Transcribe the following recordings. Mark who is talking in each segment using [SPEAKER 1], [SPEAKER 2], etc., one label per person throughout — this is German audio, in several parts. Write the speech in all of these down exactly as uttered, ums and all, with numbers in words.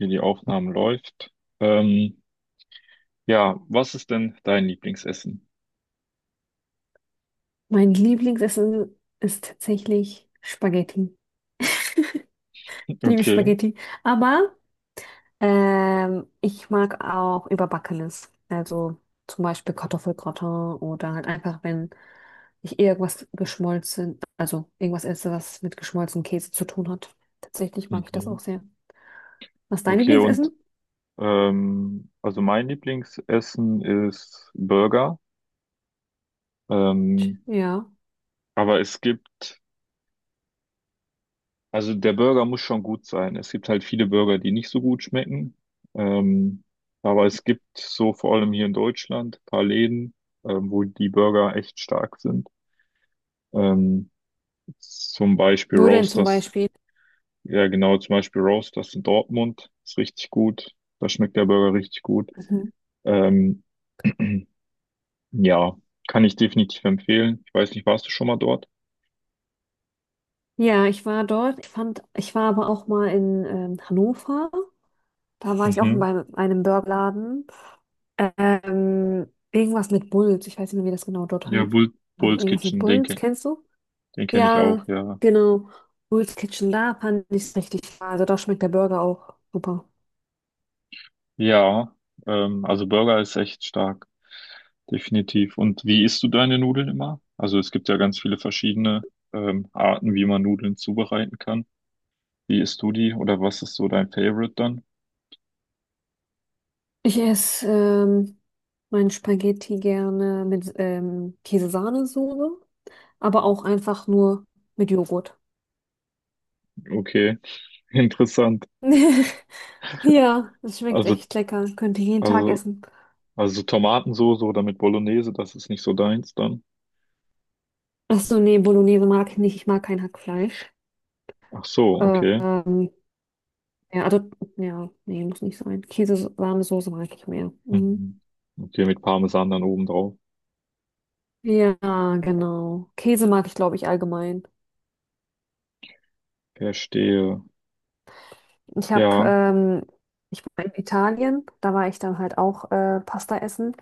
[SPEAKER 1] Okay, die Aufnahme läuft. Ähm, ja, was ist denn dein Lieblingsessen?
[SPEAKER 2] Mein Lieblingsessen ist tatsächlich Spaghetti. Ich liebe
[SPEAKER 1] Okay.
[SPEAKER 2] Spaghetti. Aber ähm, ich mag auch Überbackenes. Also zum Beispiel Kartoffelgratin oder halt einfach, wenn ich irgendwas geschmolzen, also irgendwas esse, was mit geschmolzenem Käse zu tun hat. Tatsächlich mag ich das
[SPEAKER 1] Mhm.
[SPEAKER 2] auch sehr. Was ist dein
[SPEAKER 1] Okay, und
[SPEAKER 2] Lieblingsessen?
[SPEAKER 1] ähm, also mein Lieblingsessen ist Burger. Ähm,
[SPEAKER 2] Ja.
[SPEAKER 1] aber es gibt, also der Burger muss schon gut sein. Es gibt halt viele Burger, die nicht so gut schmecken. Ähm, aber es gibt so vor allem hier in Deutschland ein paar Läden, ähm, wo die Burger echt stark sind. Ähm, zum Beispiel
[SPEAKER 2] Wo denn zum
[SPEAKER 1] Roasters.
[SPEAKER 2] Beispiel?
[SPEAKER 1] Ja, genau, zum Beispiel Roast, das in Dortmund ist richtig gut. Da schmeckt der Burger richtig gut.
[SPEAKER 2] Mhm.
[SPEAKER 1] Ähm, ja, kann ich definitiv empfehlen. Ich weiß nicht, warst du schon mal dort?
[SPEAKER 2] Ja, ich war dort. Ich fand, ich war aber auch mal in ähm, Hannover. Da war ich auch
[SPEAKER 1] Mhm.
[SPEAKER 2] bei einem Burgerladen. Ähm, irgendwas mit Bulls. Ich weiß nicht mehr, wie das genau dort
[SPEAKER 1] Ja,
[SPEAKER 2] heißt.
[SPEAKER 1] Bull,
[SPEAKER 2] War das
[SPEAKER 1] Bull's
[SPEAKER 2] irgendwas mit
[SPEAKER 1] Kitchen,
[SPEAKER 2] Bulls?
[SPEAKER 1] denke,
[SPEAKER 2] Kennst du?
[SPEAKER 1] den kenne ich
[SPEAKER 2] Ja,
[SPEAKER 1] auch, ja.
[SPEAKER 2] genau. Bulls Kitchen, da fand ich es richtig wahr. Also da schmeckt der Burger auch super.
[SPEAKER 1] Ja, ähm, also Burger ist echt stark, definitiv. Und wie isst du deine Nudeln immer? Also es gibt ja ganz viele verschiedene ähm, Arten, wie man Nudeln zubereiten kann. Wie isst du die oder was ist so dein Favorite dann?
[SPEAKER 2] Ich esse ähm, mein Spaghetti gerne mit ähm, Käse, aber auch einfach nur mit Joghurt.
[SPEAKER 1] Okay, interessant.
[SPEAKER 2] Ja, das schmeckt
[SPEAKER 1] Also,
[SPEAKER 2] echt lecker. Könnte ich jeden Tag
[SPEAKER 1] also
[SPEAKER 2] essen.
[SPEAKER 1] also so Tomatensoße oder mit Bolognese, das ist nicht so deins dann.
[SPEAKER 2] Achso, nee, Bolognese mag ich nicht. Ich mag kein Hackfleisch.
[SPEAKER 1] Ach so, okay.
[SPEAKER 2] Ähm, Ja, also, ja, nee, muss nicht sein. Käse, warme Soße mag ich mehr. Mhm.
[SPEAKER 1] Mhm. Okay, mit Parmesan dann oben drauf.
[SPEAKER 2] Ja, genau. Käse mag ich, glaube ich, allgemein.
[SPEAKER 1] Verstehe.
[SPEAKER 2] Ich habe,
[SPEAKER 1] Ja,
[SPEAKER 2] ähm, ich war in Italien, da war ich dann halt auch äh, Pasta essen.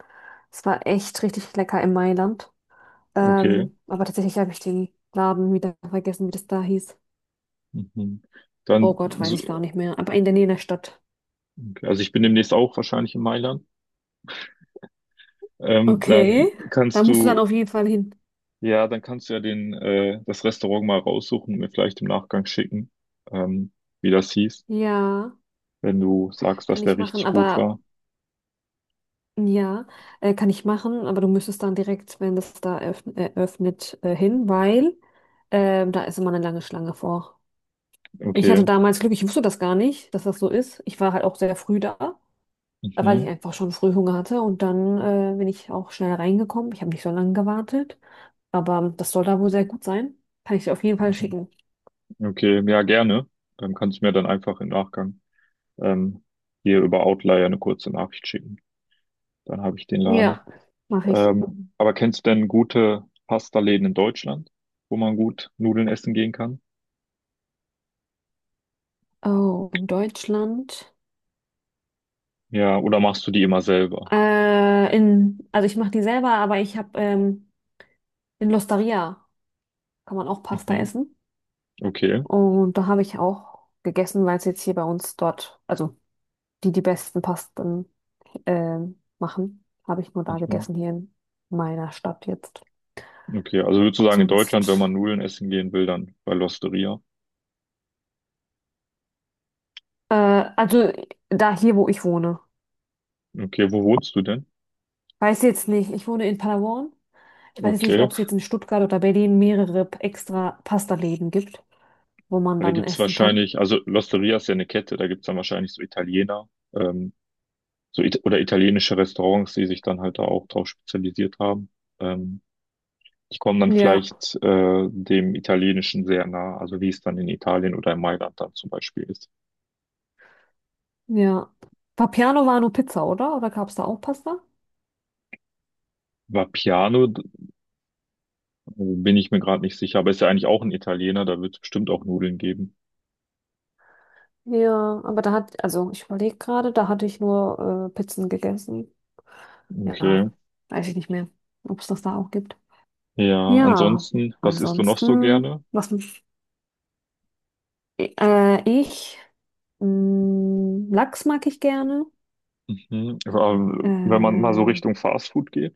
[SPEAKER 2] Es war echt richtig lecker in Mailand.
[SPEAKER 1] okay.
[SPEAKER 2] Ähm, aber tatsächlich habe ich den Laden wieder vergessen, wie das da hieß.
[SPEAKER 1] Mhm.
[SPEAKER 2] Oh
[SPEAKER 1] Dann,
[SPEAKER 2] Gott, weiß ich gar
[SPEAKER 1] so-
[SPEAKER 2] nicht mehr. Aber in der Nähe der Stadt.
[SPEAKER 1] okay, also ich bin demnächst auch wahrscheinlich in Mailand. Ähm, dann
[SPEAKER 2] Okay. Da
[SPEAKER 1] kannst
[SPEAKER 2] musst du dann
[SPEAKER 1] du,
[SPEAKER 2] auf jeden Fall hin.
[SPEAKER 1] ja, dann kannst du ja den, äh, das Restaurant mal raussuchen und mir vielleicht im Nachgang schicken, ähm, wie das hieß,
[SPEAKER 2] Ja,
[SPEAKER 1] wenn du sagst, dass
[SPEAKER 2] kann ich
[SPEAKER 1] der
[SPEAKER 2] machen.
[SPEAKER 1] richtig gut
[SPEAKER 2] Aber
[SPEAKER 1] war.
[SPEAKER 2] ja, äh, kann ich machen, aber du müsstest dann direkt, wenn das da eröffn- äh, äh, hin, weil ähm, da ist immer eine lange Schlange vor. Ich
[SPEAKER 1] Okay.
[SPEAKER 2] hatte damals Glück, ich wusste das gar nicht, dass das so ist. Ich war halt auch sehr früh da, weil
[SPEAKER 1] Mhm.
[SPEAKER 2] ich einfach schon früh Hunger hatte und dann äh, bin ich auch schnell reingekommen. Ich habe nicht so lange gewartet, aber das soll da wohl sehr gut sein. Kann ich dir auf jeden Fall
[SPEAKER 1] Mhm.
[SPEAKER 2] schicken.
[SPEAKER 1] Okay, ja, gerne. Dann kannst du mir dann einfach im Nachgang ähm, hier über Outlier eine kurze Nachricht schicken. Dann habe ich den Laden.
[SPEAKER 2] Ja, mache ich.
[SPEAKER 1] Ähm, aber kennst du denn gute Pasta-Läden in Deutschland, wo man gut Nudeln essen gehen kann?
[SPEAKER 2] Oh, in Deutschland.
[SPEAKER 1] Ja, oder machst du die immer selber?
[SPEAKER 2] Äh, in, also ich mache die selber, aber ich habe ähm, in L'Osteria kann man auch Pasta
[SPEAKER 1] Mhm.
[SPEAKER 2] essen.
[SPEAKER 1] Okay.
[SPEAKER 2] Und da habe ich auch gegessen, weil es jetzt hier bei uns dort, also die die besten Pasten ähm, machen, habe ich nur da
[SPEAKER 1] Mhm.
[SPEAKER 2] gegessen hier in meiner Stadt jetzt.
[SPEAKER 1] Okay, also würdest du sagen, in Deutschland, wenn man
[SPEAKER 2] Sonst,
[SPEAKER 1] Nudeln essen gehen will, dann bei L'Osteria?
[SPEAKER 2] äh, also da hier, wo ich wohne.
[SPEAKER 1] Okay, wo wohnst du denn?
[SPEAKER 2] Weiß jetzt nicht, ich wohne in Palawan. Ich weiß jetzt nicht,
[SPEAKER 1] Okay.
[SPEAKER 2] ob es jetzt in Stuttgart oder Berlin mehrere extra Pasta-Läden gibt, wo man
[SPEAKER 1] Ja, da
[SPEAKER 2] dann
[SPEAKER 1] gibt's
[SPEAKER 2] essen kann.
[SPEAKER 1] wahrscheinlich, also L'Osteria ist ja eine Kette, da gibt's dann wahrscheinlich so Italiener. Ähm, so it oder italienische Restaurants, die sich dann halt da auch drauf spezialisiert haben. Ähm, die kommen dann
[SPEAKER 2] Ja,
[SPEAKER 1] vielleicht äh, dem Italienischen sehr nah, also wie es dann in Italien oder in Mailand dann zum Beispiel ist.
[SPEAKER 2] ja. Papiano war nur Pizza, oder? Oder gab es da auch Pasta?
[SPEAKER 1] Vapiano, d- bin ich mir gerade nicht sicher, aber ist ja eigentlich auch ein Italiener, da wird es bestimmt auch Nudeln geben.
[SPEAKER 2] Ja, aber da hat, also ich überlege gerade, da hatte ich nur äh, Pizzen gegessen. Ja,
[SPEAKER 1] Okay.
[SPEAKER 2] weiß ich nicht mehr, ob es das da auch gibt.
[SPEAKER 1] Ja,
[SPEAKER 2] Ja,
[SPEAKER 1] ansonsten, was isst du noch so
[SPEAKER 2] ansonsten,
[SPEAKER 1] gerne?
[SPEAKER 2] was mich, äh, ich, mh, Lachs mag ich gerne.
[SPEAKER 1] Mhm. Ähm, wenn man mal so
[SPEAKER 2] Äh,
[SPEAKER 1] Richtung Fastfood geht.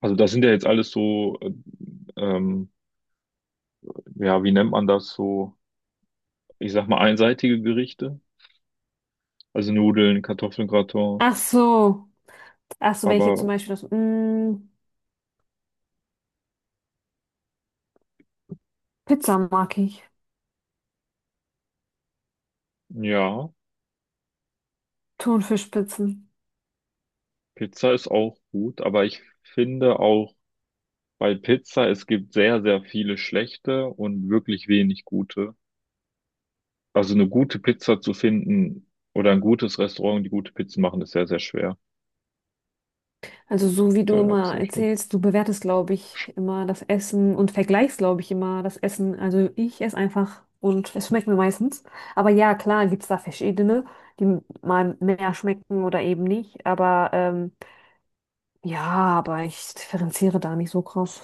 [SPEAKER 1] Also das sind ja jetzt alles so, äh, ähm, ja, wie nennt man das so? Ich sag mal einseitige Gerichte. Also Nudeln, Kartoffelgratin,
[SPEAKER 2] Ach so, ach so, wenn ich jetzt
[SPEAKER 1] aber
[SPEAKER 2] zum Beispiel das, mh, Pizza mag ich.
[SPEAKER 1] ja,
[SPEAKER 2] Thunfischpizzen.
[SPEAKER 1] Pizza ist auch gut. Aber ich finde auch bei Pizza, es gibt sehr, sehr viele schlechte und wirklich wenig gute. Also eine gute Pizza zu finden oder ein gutes Restaurant, die gute Pizza machen, ist sehr, sehr schwer.
[SPEAKER 2] Also so wie du immer
[SPEAKER 1] Tatsächlich.
[SPEAKER 2] erzählst, du bewertest, glaube ich, immer das Essen und vergleichst, glaube ich, immer das Essen. Also ich esse einfach und es schmeckt mir meistens. Aber ja, klar, gibt es da verschiedene, die mal mehr schmecken oder eben nicht. Aber ähm, ja, aber ich differenziere da nicht so krass.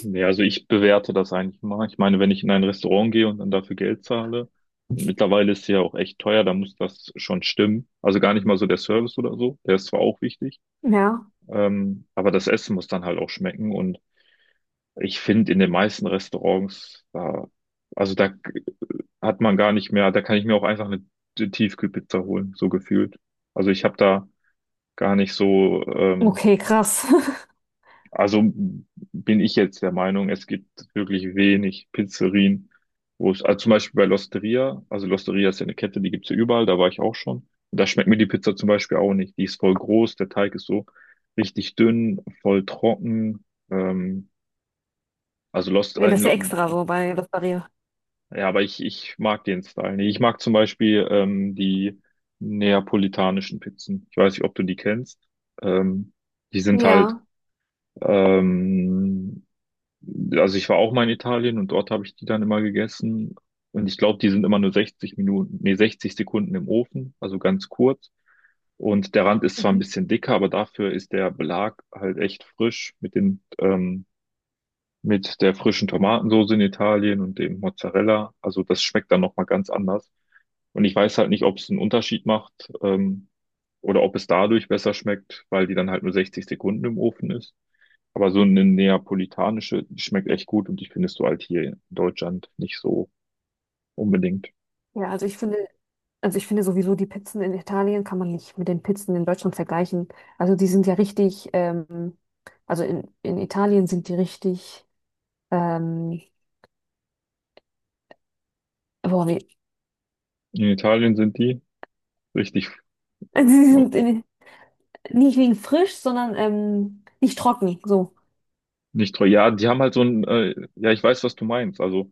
[SPEAKER 1] Nee, also ich bewerte das eigentlich mal. Ich meine, wenn ich in ein Restaurant gehe und dann dafür Geld zahle, und mittlerweile ist sie ja auch echt teuer, da muss das schon stimmen. Also gar nicht mal so der Service oder so, der ist zwar auch wichtig.
[SPEAKER 2] Ja.
[SPEAKER 1] Ähm, aber das Essen muss dann halt auch schmecken. Und ich finde, in den meisten Restaurants, da, also da k- hat man gar nicht mehr, da kann ich mir auch einfach eine Tiefkühlpizza holen, so gefühlt. Also ich habe da gar nicht so, ähm,
[SPEAKER 2] Okay, krass.
[SPEAKER 1] also bin ich jetzt der Meinung, es gibt wirklich wenig Pizzerien, wo es, also zum Beispiel bei L'Osteria, also L'Osteria ist ja eine Kette, die gibt's ja überall, da war ich auch schon. Und da schmeckt mir die Pizza zum Beispiel auch nicht. Die ist voll groß, der Teig ist so richtig dünn, voll trocken. Ähm, also Lost,
[SPEAKER 2] Ja,
[SPEAKER 1] äh,
[SPEAKER 2] das ist ja
[SPEAKER 1] Lo-
[SPEAKER 2] extra so bei Losteria.
[SPEAKER 1] ja, aber ich, ich mag den Style nicht. Ich mag zum Beispiel ähm, die neapolitanischen Pizzen. Ich weiß nicht, ob du die kennst. Ähm, die sind halt
[SPEAKER 2] Ja.
[SPEAKER 1] ähm, also ich war auch mal in Italien und dort habe ich die dann immer gegessen. Und ich glaube, die sind immer nur sechzig Minuten, nee, sechzig Sekunden im Ofen, also ganz kurz. Und der Rand ist zwar ein
[SPEAKER 2] Mhm.
[SPEAKER 1] bisschen dicker, aber dafür ist der Belag halt echt frisch mit den, ähm, mit der frischen Tomatensoße in Italien und dem Mozzarella. Also das schmeckt dann nochmal ganz anders. Und ich weiß halt nicht, ob es einen Unterschied macht, ähm, oder ob es dadurch besser schmeckt, weil die dann halt nur sechzig Sekunden im Ofen ist. Aber so eine neapolitanische, die schmeckt echt gut und die findest du halt hier in Deutschland nicht so unbedingt.
[SPEAKER 2] Ja, also ich finde. Also ich finde sowieso, die Pizzen in Italien kann man nicht mit den Pizzen in Deutschland vergleichen. Also die sind ja richtig, ähm, also in, in Italien sind die richtig, ähm, boah, wie,
[SPEAKER 1] In Italien sind die richtig,
[SPEAKER 2] sie
[SPEAKER 1] ja,
[SPEAKER 2] sind in, nicht wegen frisch, sondern ähm, nicht trocken, so.
[SPEAKER 1] nicht teuer. Ja, die haben halt so ein, äh, ja, ich weiß, was du meinst. Also,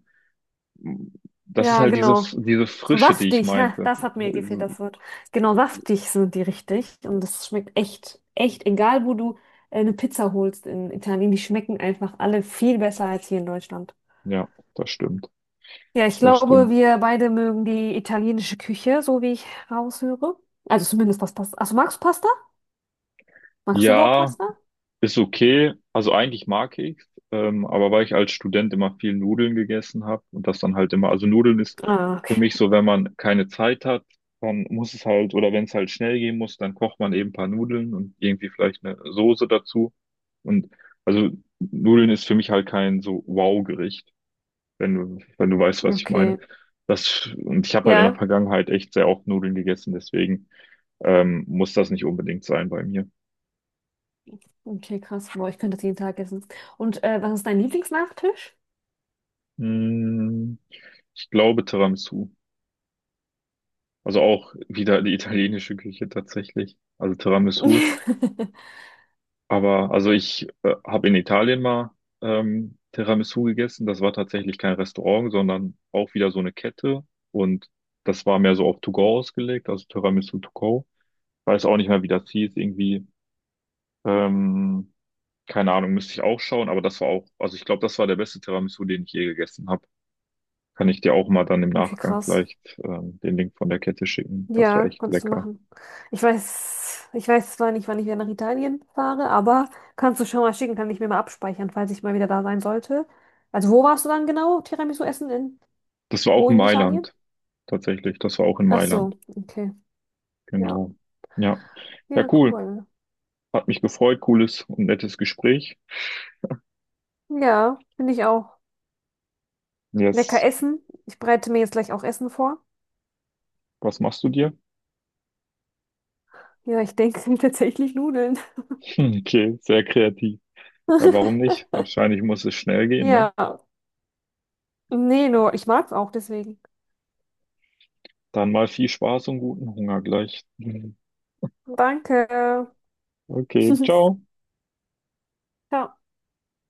[SPEAKER 1] m, das ist
[SPEAKER 2] Ja,
[SPEAKER 1] halt diese,
[SPEAKER 2] genau.
[SPEAKER 1] diese
[SPEAKER 2] So
[SPEAKER 1] Frische, die ich
[SPEAKER 2] saftig, ha,
[SPEAKER 1] meinte.
[SPEAKER 2] das hat mir gefehlt,
[SPEAKER 1] Also,
[SPEAKER 2] das Wort. Genau, saftig sind die richtig und das schmeckt echt, echt, egal wo du äh, eine Pizza holst in Italien, die schmecken einfach alle viel besser als hier in Deutschland.
[SPEAKER 1] ja, das stimmt.
[SPEAKER 2] Ja, ich
[SPEAKER 1] Das
[SPEAKER 2] glaube,
[SPEAKER 1] stimmt.
[SPEAKER 2] wir beide mögen die italienische Küche, so wie ich raushöre. Also zumindest was Pasta. Achso, magst du Pasta? Magst du überhaupt
[SPEAKER 1] Ja,
[SPEAKER 2] Pasta?
[SPEAKER 1] ist okay. Also eigentlich mag ich ähm, aber weil ich als Student immer viel Nudeln gegessen habe und das dann halt immer, also Nudeln ist
[SPEAKER 2] Ah, okay.
[SPEAKER 1] für mich so, wenn man keine Zeit hat, dann muss es halt, oder wenn es halt schnell gehen muss, dann kocht man eben ein paar Nudeln und irgendwie vielleicht eine Soße dazu. Und also Nudeln ist für mich halt kein so Wow-Gericht, wenn du, wenn du weißt, was ich meine.
[SPEAKER 2] Okay.
[SPEAKER 1] Das, und ich habe halt in der
[SPEAKER 2] Ja.
[SPEAKER 1] Vergangenheit echt sehr oft Nudeln gegessen, deswegen ähm, muss das nicht unbedingt sein bei mir.
[SPEAKER 2] Okay, krass. Boah, ich könnte das jeden Tag essen. Und äh, was ist dein Lieblingsnachtisch?
[SPEAKER 1] Mm. Ich glaube Tiramisu. Also auch wieder die italienische Küche tatsächlich. Also Tiramisu. Aber also ich äh, habe in Italien mal ähm, Tiramisu gegessen. Das war tatsächlich kein Restaurant, sondern auch wieder so eine Kette. Und das war mehr so auf To Go ausgelegt, also Tiramisu To Go. Weiß auch nicht mehr, wie das hieß. Irgendwie, ähm, keine Ahnung, müsste ich auch schauen. Aber das war auch, also ich glaube, das war der beste Tiramisu, den ich je gegessen habe. Kann ich dir auch mal dann im
[SPEAKER 2] Okay,
[SPEAKER 1] Nachgang
[SPEAKER 2] krass.
[SPEAKER 1] vielleicht ähm, den Link von der Kette schicken. Das war
[SPEAKER 2] Ja,
[SPEAKER 1] echt
[SPEAKER 2] kannst du
[SPEAKER 1] lecker.
[SPEAKER 2] machen. Ich weiß, ich weiß zwar nicht, wann ich wieder nach Italien fahre, aber kannst du schon mal schicken, kann ich mir mal abspeichern, falls ich mal wieder da sein sollte. Also wo warst du dann genau Tiramisu essen in?
[SPEAKER 1] Das war auch
[SPEAKER 2] Wo
[SPEAKER 1] in
[SPEAKER 2] in Italien?
[SPEAKER 1] Mailand, tatsächlich. Das war auch in
[SPEAKER 2] Ach
[SPEAKER 1] Mailand.
[SPEAKER 2] so, okay. Ja,
[SPEAKER 1] Genau. Ja. Ja,
[SPEAKER 2] ja,
[SPEAKER 1] cool.
[SPEAKER 2] cool.
[SPEAKER 1] Hat mich gefreut. Cooles und nettes Gespräch.
[SPEAKER 2] Ja, finde ich auch. Lecker
[SPEAKER 1] Jetzt,
[SPEAKER 2] essen. Ich bereite mir jetzt gleich auch Essen vor.
[SPEAKER 1] was machst du dir?
[SPEAKER 2] Ja, ich denke, es sind tatsächlich Nudeln.
[SPEAKER 1] Hm, okay, sehr kreativ. Ja, warum nicht? Wahrscheinlich muss es schnell gehen, ne?
[SPEAKER 2] Ja, nee, nur ich mag's auch deswegen.
[SPEAKER 1] Dann mal viel Spaß und guten Hunger gleich. Mhm.
[SPEAKER 2] Danke.
[SPEAKER 1] Okay, ciao.
[SPEAKER 2] Ciao.